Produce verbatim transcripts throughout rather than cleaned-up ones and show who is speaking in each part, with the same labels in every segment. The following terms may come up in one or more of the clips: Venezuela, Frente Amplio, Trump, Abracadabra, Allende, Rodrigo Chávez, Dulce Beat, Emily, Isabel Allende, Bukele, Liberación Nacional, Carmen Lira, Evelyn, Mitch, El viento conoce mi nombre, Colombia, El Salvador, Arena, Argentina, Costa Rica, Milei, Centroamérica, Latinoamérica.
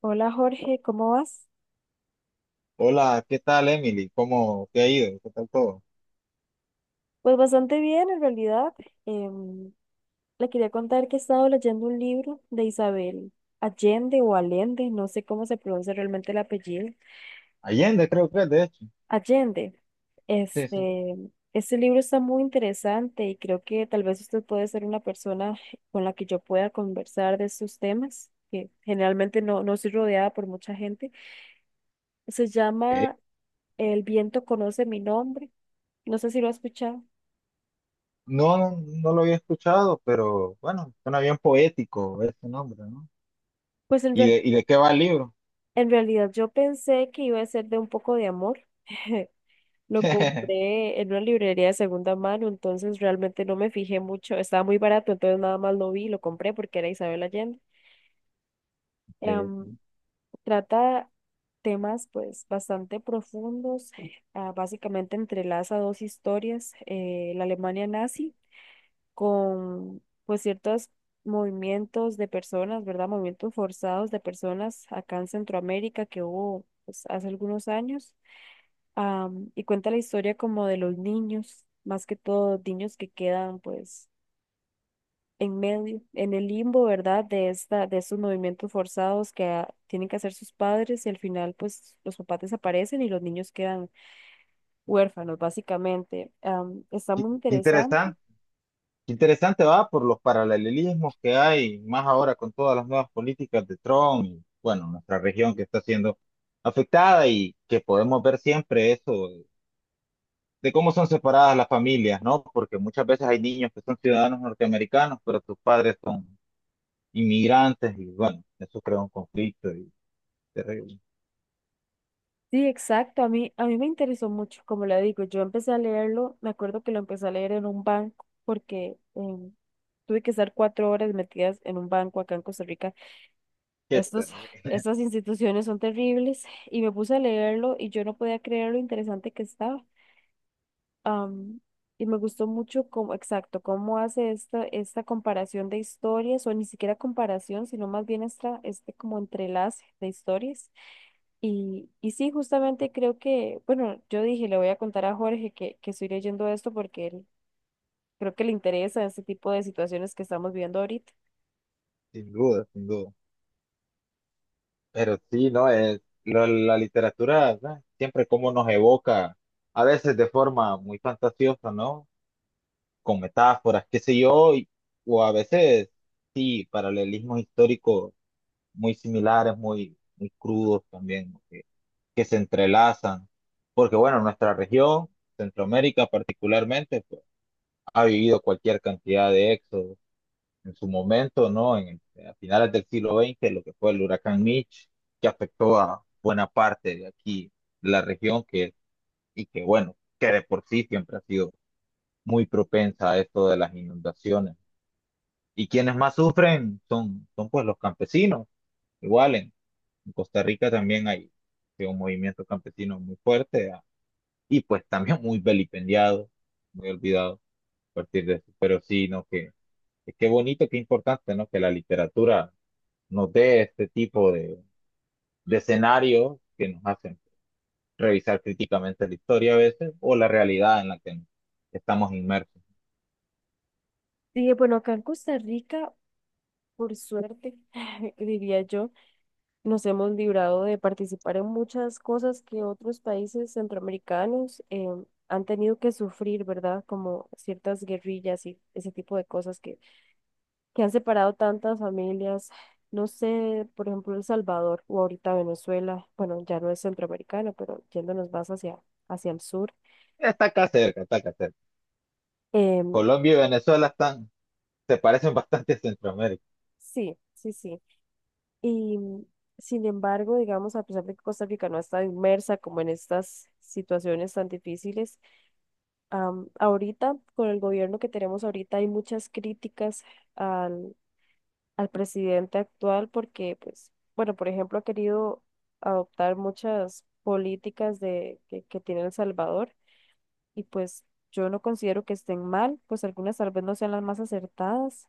Speaker 1: Hola Jorge, ¿cómo vas?
Speaker 2: Hola, ¿qué tal, Emily? ¿Cómo te ha ido? ¿Qué tal todo?
Speaker 1: Pues bastante bien en realidad. Em, Le quería contar que he estado leyendo un libro de Isabel Allende o Allende, no sé cómo se pronuncia realmente el apellido.
Speaker 2: Allende, creo que es, de hecho.
Speaker 1: Allende.
Speaker 2: Sí, sí.
Speaker 1: Este, este libro está muy interesante y creo que tal vez usted puede ser una persona con la que yo pueda conversar de estos temas, que generalmente no, no soy rodeada por mucha gente. Se
Speaker 2: Eh,
Speaker 1: llama El viento conoce mi nombre. No sé si lo ha escuchado.
Speaker 2: No, no, no lo había escuchado, pero bueno, suena bien poético ese nombre, ¿no?
Speaker 1: Pues en
Speaker 2: ¿Y
Speaker 1: realidad...
Speaker 2: de, y de qué va el libro?
Speaker 1: En realidad yo pensé que iba a ser de un poco de amor. Lo compré en una librería de segunda mano, entonces realmente no me fijé mucho. Estaba muy barato, entonces nada más lo vi y lo compré porque era Isabel Allende.
Speaker 2: Sí,
Speaker 1: Em,
Speaker 2: sí.
Speaker 1: Trata temas pues bastante profundos. Ah, básicamente entrelaza dos historias, eh, la Alemania nazi con pues ciertos movimientos de personas, ¿verdad? Movimientos forzados de personas acá en Centroamérica que hubo pues, hace algunos años, am, y cuenta la historia como de los niños, más que todo niños que quedan pues en medio, en el limbo, ¿verdad? De esta, de estos movimientos forzados que ah, tienen que hacer sus padres y al final pues los papás desaparecen y los niños quedan huérfanos básicamente. Am, está
Speaker 2: Qué
Speaker 1: muy
Speaker 2: qué
Speaker 1: interesante.
Speaker 2: interesante, qué interesante va por los paralelismos que hay, más ahora con todas las nuevas políticas de Trump y, bueno, nuestra región que está siendo afectada y que podemos ver siempre eso de cómo son separadas las familias, ¿no? Porque muchas veces hay niños que son ciudadanos norteamericanos, pero sus padres son inmigrantes y bueno, eso crea un conflicto y terrible.
Speaker 1: Sí, exacto, a mí, a mí me interesó mucho, como le digo, yo empecé a leerlo, me acuerdo que lo empecé a leer en un banco porque... em, tuve que estar cuatro horas metidas en un banco acá en Costa Rica.
Speaker 2: Qué
Speaker 1: Estos,
Speaker 2: terrible,
Speaker 1: Estas instituciones son terribles y me puse a leerlo y yo no podía creer lo interesante que estaba. Am, y me gustó mucho cómo, exacto, cómo hace esta, esta comparación de historias, o ni siquiera comparación, sino más bien esta, este como entrelace de historias. Y, y sí, justamente creo que, bueno, yo dije, le voy a contar a Jorge que, que estoy leyendo esto porque él creo que le interesa este tipo de situaciones que estamos viviendo ahorita.
Speaker 2: sin duda, sin duda. Pero sí, ¿no? Es, la, la literatura, ¿no? Siempre como nos evoca, a veces de forma muy fantasiosa, ¿no? Con metáforas, qué sé yo, y- o a veces sí, paralelismos históricos muy similares, muy, muy crudos también. ¿No? Que se entrelazan, porque bueno, nuestra región, Centroamérica particularmente, pues, ha vivido cualquier cantidad de éxodos en su momento, ¿no? En, el- a finales del siglo veinte, lo que fue el huracán Mitch, que afectó a buena parte de aquí, de la región, que, y que bueno, que de por sí siempre ha sido muy propensa a esto de las inundaciones. Y quienes más sufren son, son pues los campesinos, igual en en Costa Rica también hay sí, un movimiento campesino muy fuerte, y pues también muy vilipendiado, muy olvidado a partir de eso. Pero sí, ¿no? Que, que qué bonito, qué importante, ¿no? Que la literatura nos dé este tipo de, de escenarios que nos hacen revisar críticamente la historia a veces o la realidad en la que estamos inmersos.
Speaker 1: Dije, bueno, acá en Costa Rica, por suerte, diría yo. Nos hemos librado de participar en muchas cosas que otros países centroamericanos eh, han tenido que sufrir, ¿verdad? Como ciertas guerrillas y ese tipo de cosas que, que han separado tantas familias. No sé, por ejemplo, El Salvador o ahorita Venezuela, bueno, ya no es centroamericano, pero yéndonos más hacia, hacia el sur.
Speaker 2: Está acá cerca, está acá cerca.
Speaker 1: Em,
Speaker 2: Colombia y Venezuela están, se parecen bastante a Centroamérica.
Speaker 1: sí, sí, sí. Y mm, sin embargo, digamos, a pesar de que Costa Rica no está inmersa como en estas situaciones tan difíciles. Am, ahorita, con el gobierno que tenemos ahorita, hay muchas críticas al, al presidente actual porque, pues, bueno, por ejemplo, ha querido adoptar muchas políticas de, que, que tiene El Salvador y pues yo no considero que estén mal, pues algunas tal vez no sean las más acertadas,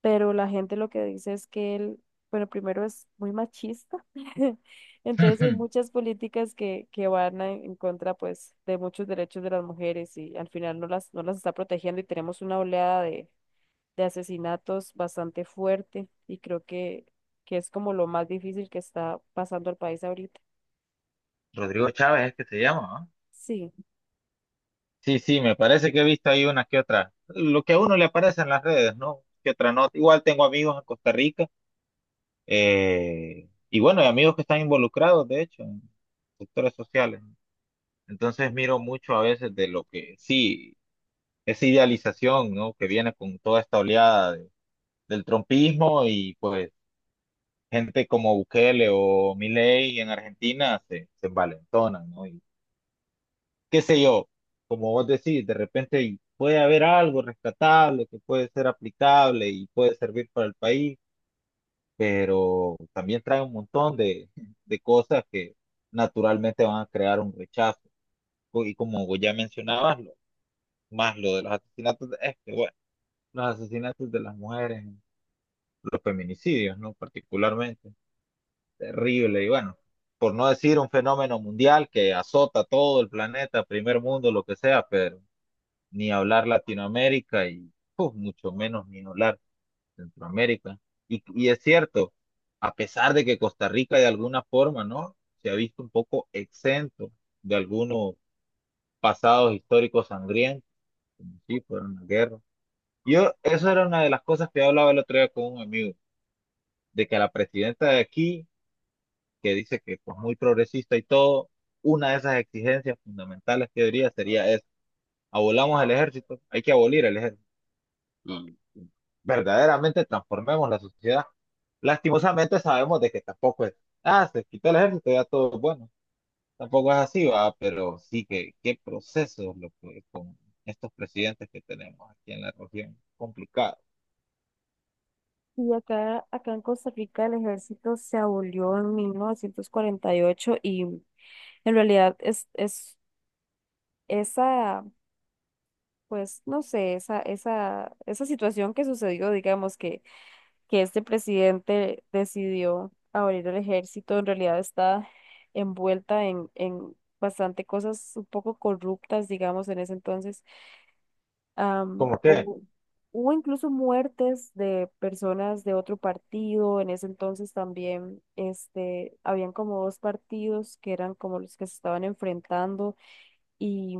Speaker 1: pero la gente lo que dice es que él, bueno, primero es muy machista, entonces hay muchas políticas que, que van a- en contra, pues, de muchos derechos de las mujeres y al final no las, no las está protegiendo y tenemos una oleada de, de asesinatos bastante fuerte y creo que, que es como lo más difícil que está pasando al país ahorita.
Speaker 2: Rodrigo Chávez es que se llama, ¿no?
Speaker 1: Sí,
Speaker 2: Sí, sí, me parece que he visto ahí unas que otras. Lo que a uno le aparece en las redes, ¿no? Que otra no. Igual tengo amigos en Costa Rica, eh, y bueno, hay amigos que están involucrados, de hecho, en sectores sociales. ¿No? Entonces miro mucho a veces de lo que, sí, esa idealización, ¿no? Que viene con toda esta oleada de- del trompismo y pues gente como Bukele o Milei en Argentina se, se envalentonan, ¿no? Qué sé yo, como vos decís, de repente puede haber algo rescatable que puede ser aplicable y puede servir para el país, pero también trae un montón de, de cosas que naturalmente van a crear un rechazo. Co- Y como vos ya mencionabas, lo- más lo de los asesinatos, de- es que, bueno, los asesinatos de las mujeres, los feminicidios, ¿no? Particularmente, terrible y bueno. Por no decir un fenómeno mundial que azota todo el planeta, primer mundo, lo que sea, pero ni hablar Latinoamérica y puf, mucho menos ni hablar Centroamérica. Y, y es cierto, a pesar de que Costa Rica de alguna forma, ¿no? Se ha visto un poco exento de algunos pasados históricos sangrientos, como si fuera una guerra. Yo, eso era una de las cosas que yo hablaba el otro día con un amigo, de que la presidenta de aquí, que dice que pues muy progresista y todo, una de esas exigencias fundamentales que diría sería es, abolamos el ejército, hay que abolir el ejército. Mm, verdaderamente transformemos la sociedad. Lastimosamente sabemos de que tampoco es, ah, se quitó el ejército, ya todo es bueno. Tampoco es así, va, pero sí que qué proceso lo que- con estos presidentes que tenemos aquí en la región. Complicado.
Speaker 1: y acá, acá en Costa Rica el ejército se abolió en mil novecientos cuarenta y ocho y en realidad es, es esa, pues no sé, esa, esa, esa situación que sucedió, digamos, que, que este presidente decidió abrir el ejército, en realidad está envuelta en, en bastante cosas un poco corruptas, digamos, en ese entonces. Am,
Speaker 2: ¿Cómo qué?
Speaker 1: hubo, Hubo incluso muertes de personas de otro partido, en ese entonces también, este, habían como dos partidos que eran como los que se estaban enfrentando y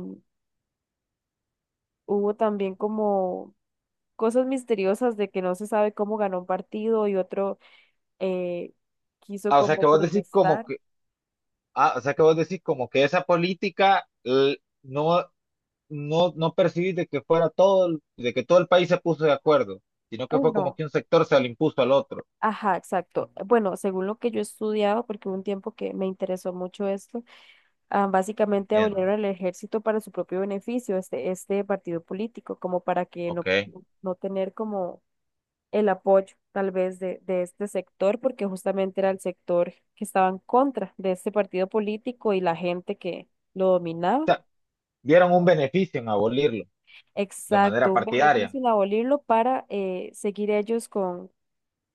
Speaker 1: hubo también como cosas misteriosas de que no se sabe cómo ganó un partido y otro eh, quiso
Speaker 2: Ah, o sea que
Speaker 1: como
Speaker 2: vos decís como
Speaker 1: protestar.
Speaker 2: que, ah, o sea que vos decís como que esa política l- no, no, no percibís de que fuera todo, el- de que todo el país se puso de acuerdo, sino que
Speaker 1: Eh,
Speaker 2: fue como
Speaker 1: no,
Speaker 2: que un sector se le impuso al otro.
Speaker 1: ajá, exacto. Bueno, según lo que yo he estudiado, porque hubo un tiempo que me interesó mucho esto, ah, básicamente abolieron
Speaker 2: Entiendo.
Speaker 1: el ejército para su propio beneficio, este, este partido político, como para que no,
Speaker 2: Ok.
Speaker 1: no no tener como el apoyo tal vez de, de este sector, porque justamente era el sector que estaba en contra de este partido político y la gente que lo dominaba.
Speaker 2: Vieron un beneficio en abolirlo de manera
Speaker 1: Exacto, un
Speaker 2: partidaria,
Speaker 1: beneficio el abolirlo para eh, seguir ellos con,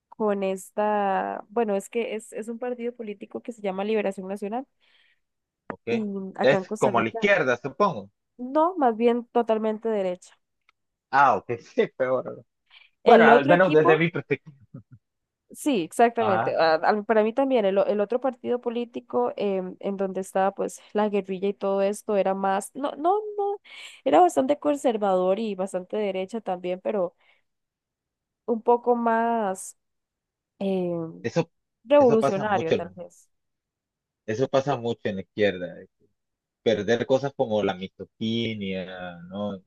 Speaker 1: con esta, bueno, es que es, es un partido político que se llama Liberación Nacional
Speaker 2: ¿ok?
Speaker 1: y acá en
Speaker 2: Es
Speaker 1: Costa
Speaker 2: como la
Speaker 1: Rica,
Speaker 2: izquierda, supongo.
Speaker 1: no, más bien totalmente derecha.
Speaker 2: Ah, ok, sí, peor. Bueno,
Speaker 1: El
Speaker 2: al
Speaker 1: otro
Speaker 2: menos desde
Speaker 1: equipo,
Speaker 2: mi perspectiva.
Speaker 1: sí, exactamente,
Speaker 2: Ajá.
Speaker 1: a- a- para mí también, el, o- el otro partido político em, en donde estaba pues la guerrilla y todo esto era más, no, no, no, era bastante conservador y bastante derecha también, pero un poco más... em,
Speaker 2: Eso, eso pasa
Speaker 1: revolucionario,
Speaker 2: mucho,
Speaker 1: tal
Speaker 2: ¿no?
Speaker 1: vez.
Speaker 2: Eso pasa mucho en la izquierda. Eh. Perder cosas como la misoginia, ¿no?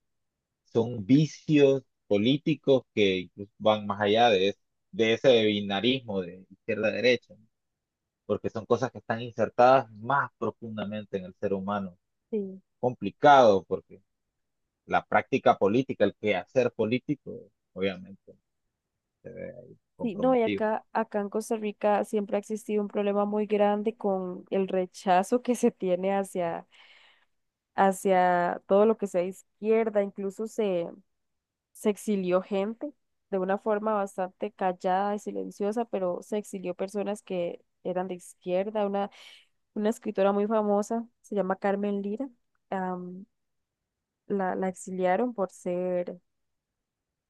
Speaker 2: Son vicios políticos que incluso van más allá de, es- de ese binarismo de izquierda-derecha, ¿no? Porque son cosas que están insertadas más profundamente en el ser humano.
Speaker 1: Sí,
Speaker 2: Complicado, porque la práctica política, el quehacer político, obviamente, se ve ahí
Speaker 1: sí, no, y
Speaker 2: comprometido.
Speaker 1: acá, acá en Costa Rica siempre ha existido un problema muy grande con el rechazo que se tiene hacia, hacia todo lo que sea izquierda, incluso se, se exilió gente de una forma bastante callada y silenciosa, pero se exilió personas que eran de izquierda, una, una escritora muy famosa, se llama Carmen Lira, am, la, la exiliaron por ser,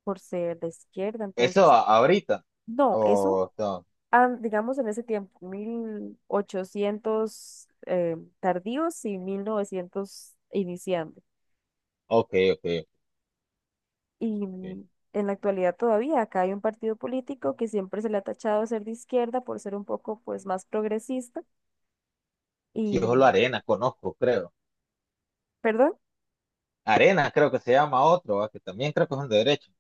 Speaker 1: por ser de izquierda,
Speaker 2: Eso
Speaker 1: entonces,
Speaker 2: a- ahorita.
Speaker 1: no, eso,
Speaker 2: O no.
Speaker 1: ah, digamos en ese tiempo, mil ochocientos eh, tardíos y mil novecientos iniciando.
Speaker 2: Ok, ok,
Speaker 1: Y
Speaker 2: ok.
Speaker 1: mm, en la actualidad todavía acá hay un partido político que siempre se le ha tachado de ser de izquierda por ser un poco pues más progresista
Speaker 2: Sí,
Speaker 1: y,
Speaker 2: solo Arena, conozco, creo.
Speaker 1: perdón,
Speaker 2: Arena creo que se llama otro, ¿va? Que también creo que es un de derecho,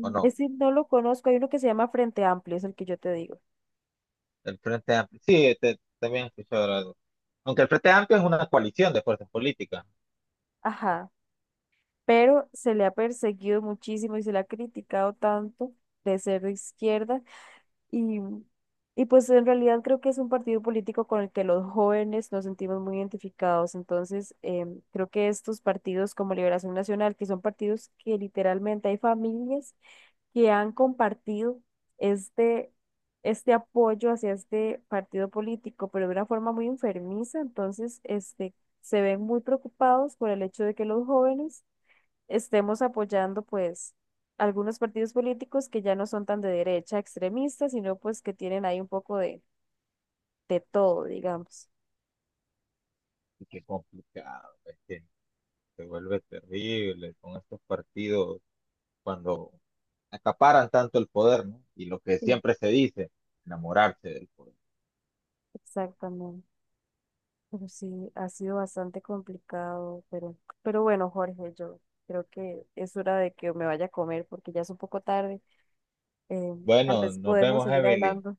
Speaker 2: ¿o no?
Speaker 1: ese no lo conozco, hay uno que se llama Frente Amplio, es el que yo te digo.
Speaker 2: El Frente Amplio. Sí, te- también he escuchado hablar de- Aunque el Frente Amplio es una coalición de fuerzas políticas.
Speaker 1: Ajá, pero se le ha perseguido muchísimo y se le ha criticado tanto de ser de izquierda. Y, y pues en realidad creo que es un partido político con el que los jóvenes nos sentimos muy identificados. Entonces, em, creo que estos partidos como Liberación Nacional, que son partidos que literalmente hay familias que han compartido este, este apoyo hacia este partido político, pero de una forma muy enfermiza. Entonces, este, se ven muy preocupados por el hecho de que los jóvenes estemos apoyando pues algunos partidos políticos que ya no son tan de derecha extremista, sino pues que tienen ahí un poco de, de todo, digamos.
Speaker 2: Y qué complicado, es que se vuelve terrible con estos partidos cuando acaparan tanto el poder, ¿no? Y lo que
Speaker 1: Sí.
Speaker 2: siempre se dice, enamorarse del poder.
Speaker 1: Exactamente. Pero sí, ha sido bastante complicado, pero, pero bueno, Jorge, yo creo que es hora de que me vaya a comer porque ya es un poco tarde. Eh, Tal
Speaker 2: Bueno,
Speaker 1: vez
Speaker 2: nos
Speaker 1: podemos
Speaker 2: vemos,
Speaker 1: seguir
Speaker 2: Evelyn.
Speaker 1: hablando.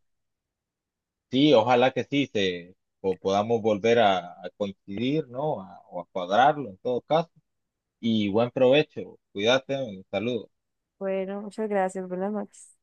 Speaker 2: Sí, ojalá que sí, se, o podamos volver a, a coincidir, ¿no? A- o a cuadrarlo en todo caso. Y buen provecho, cuídate, saludos.
Speaker 1: Bueno, muchas gracias, buenas noches.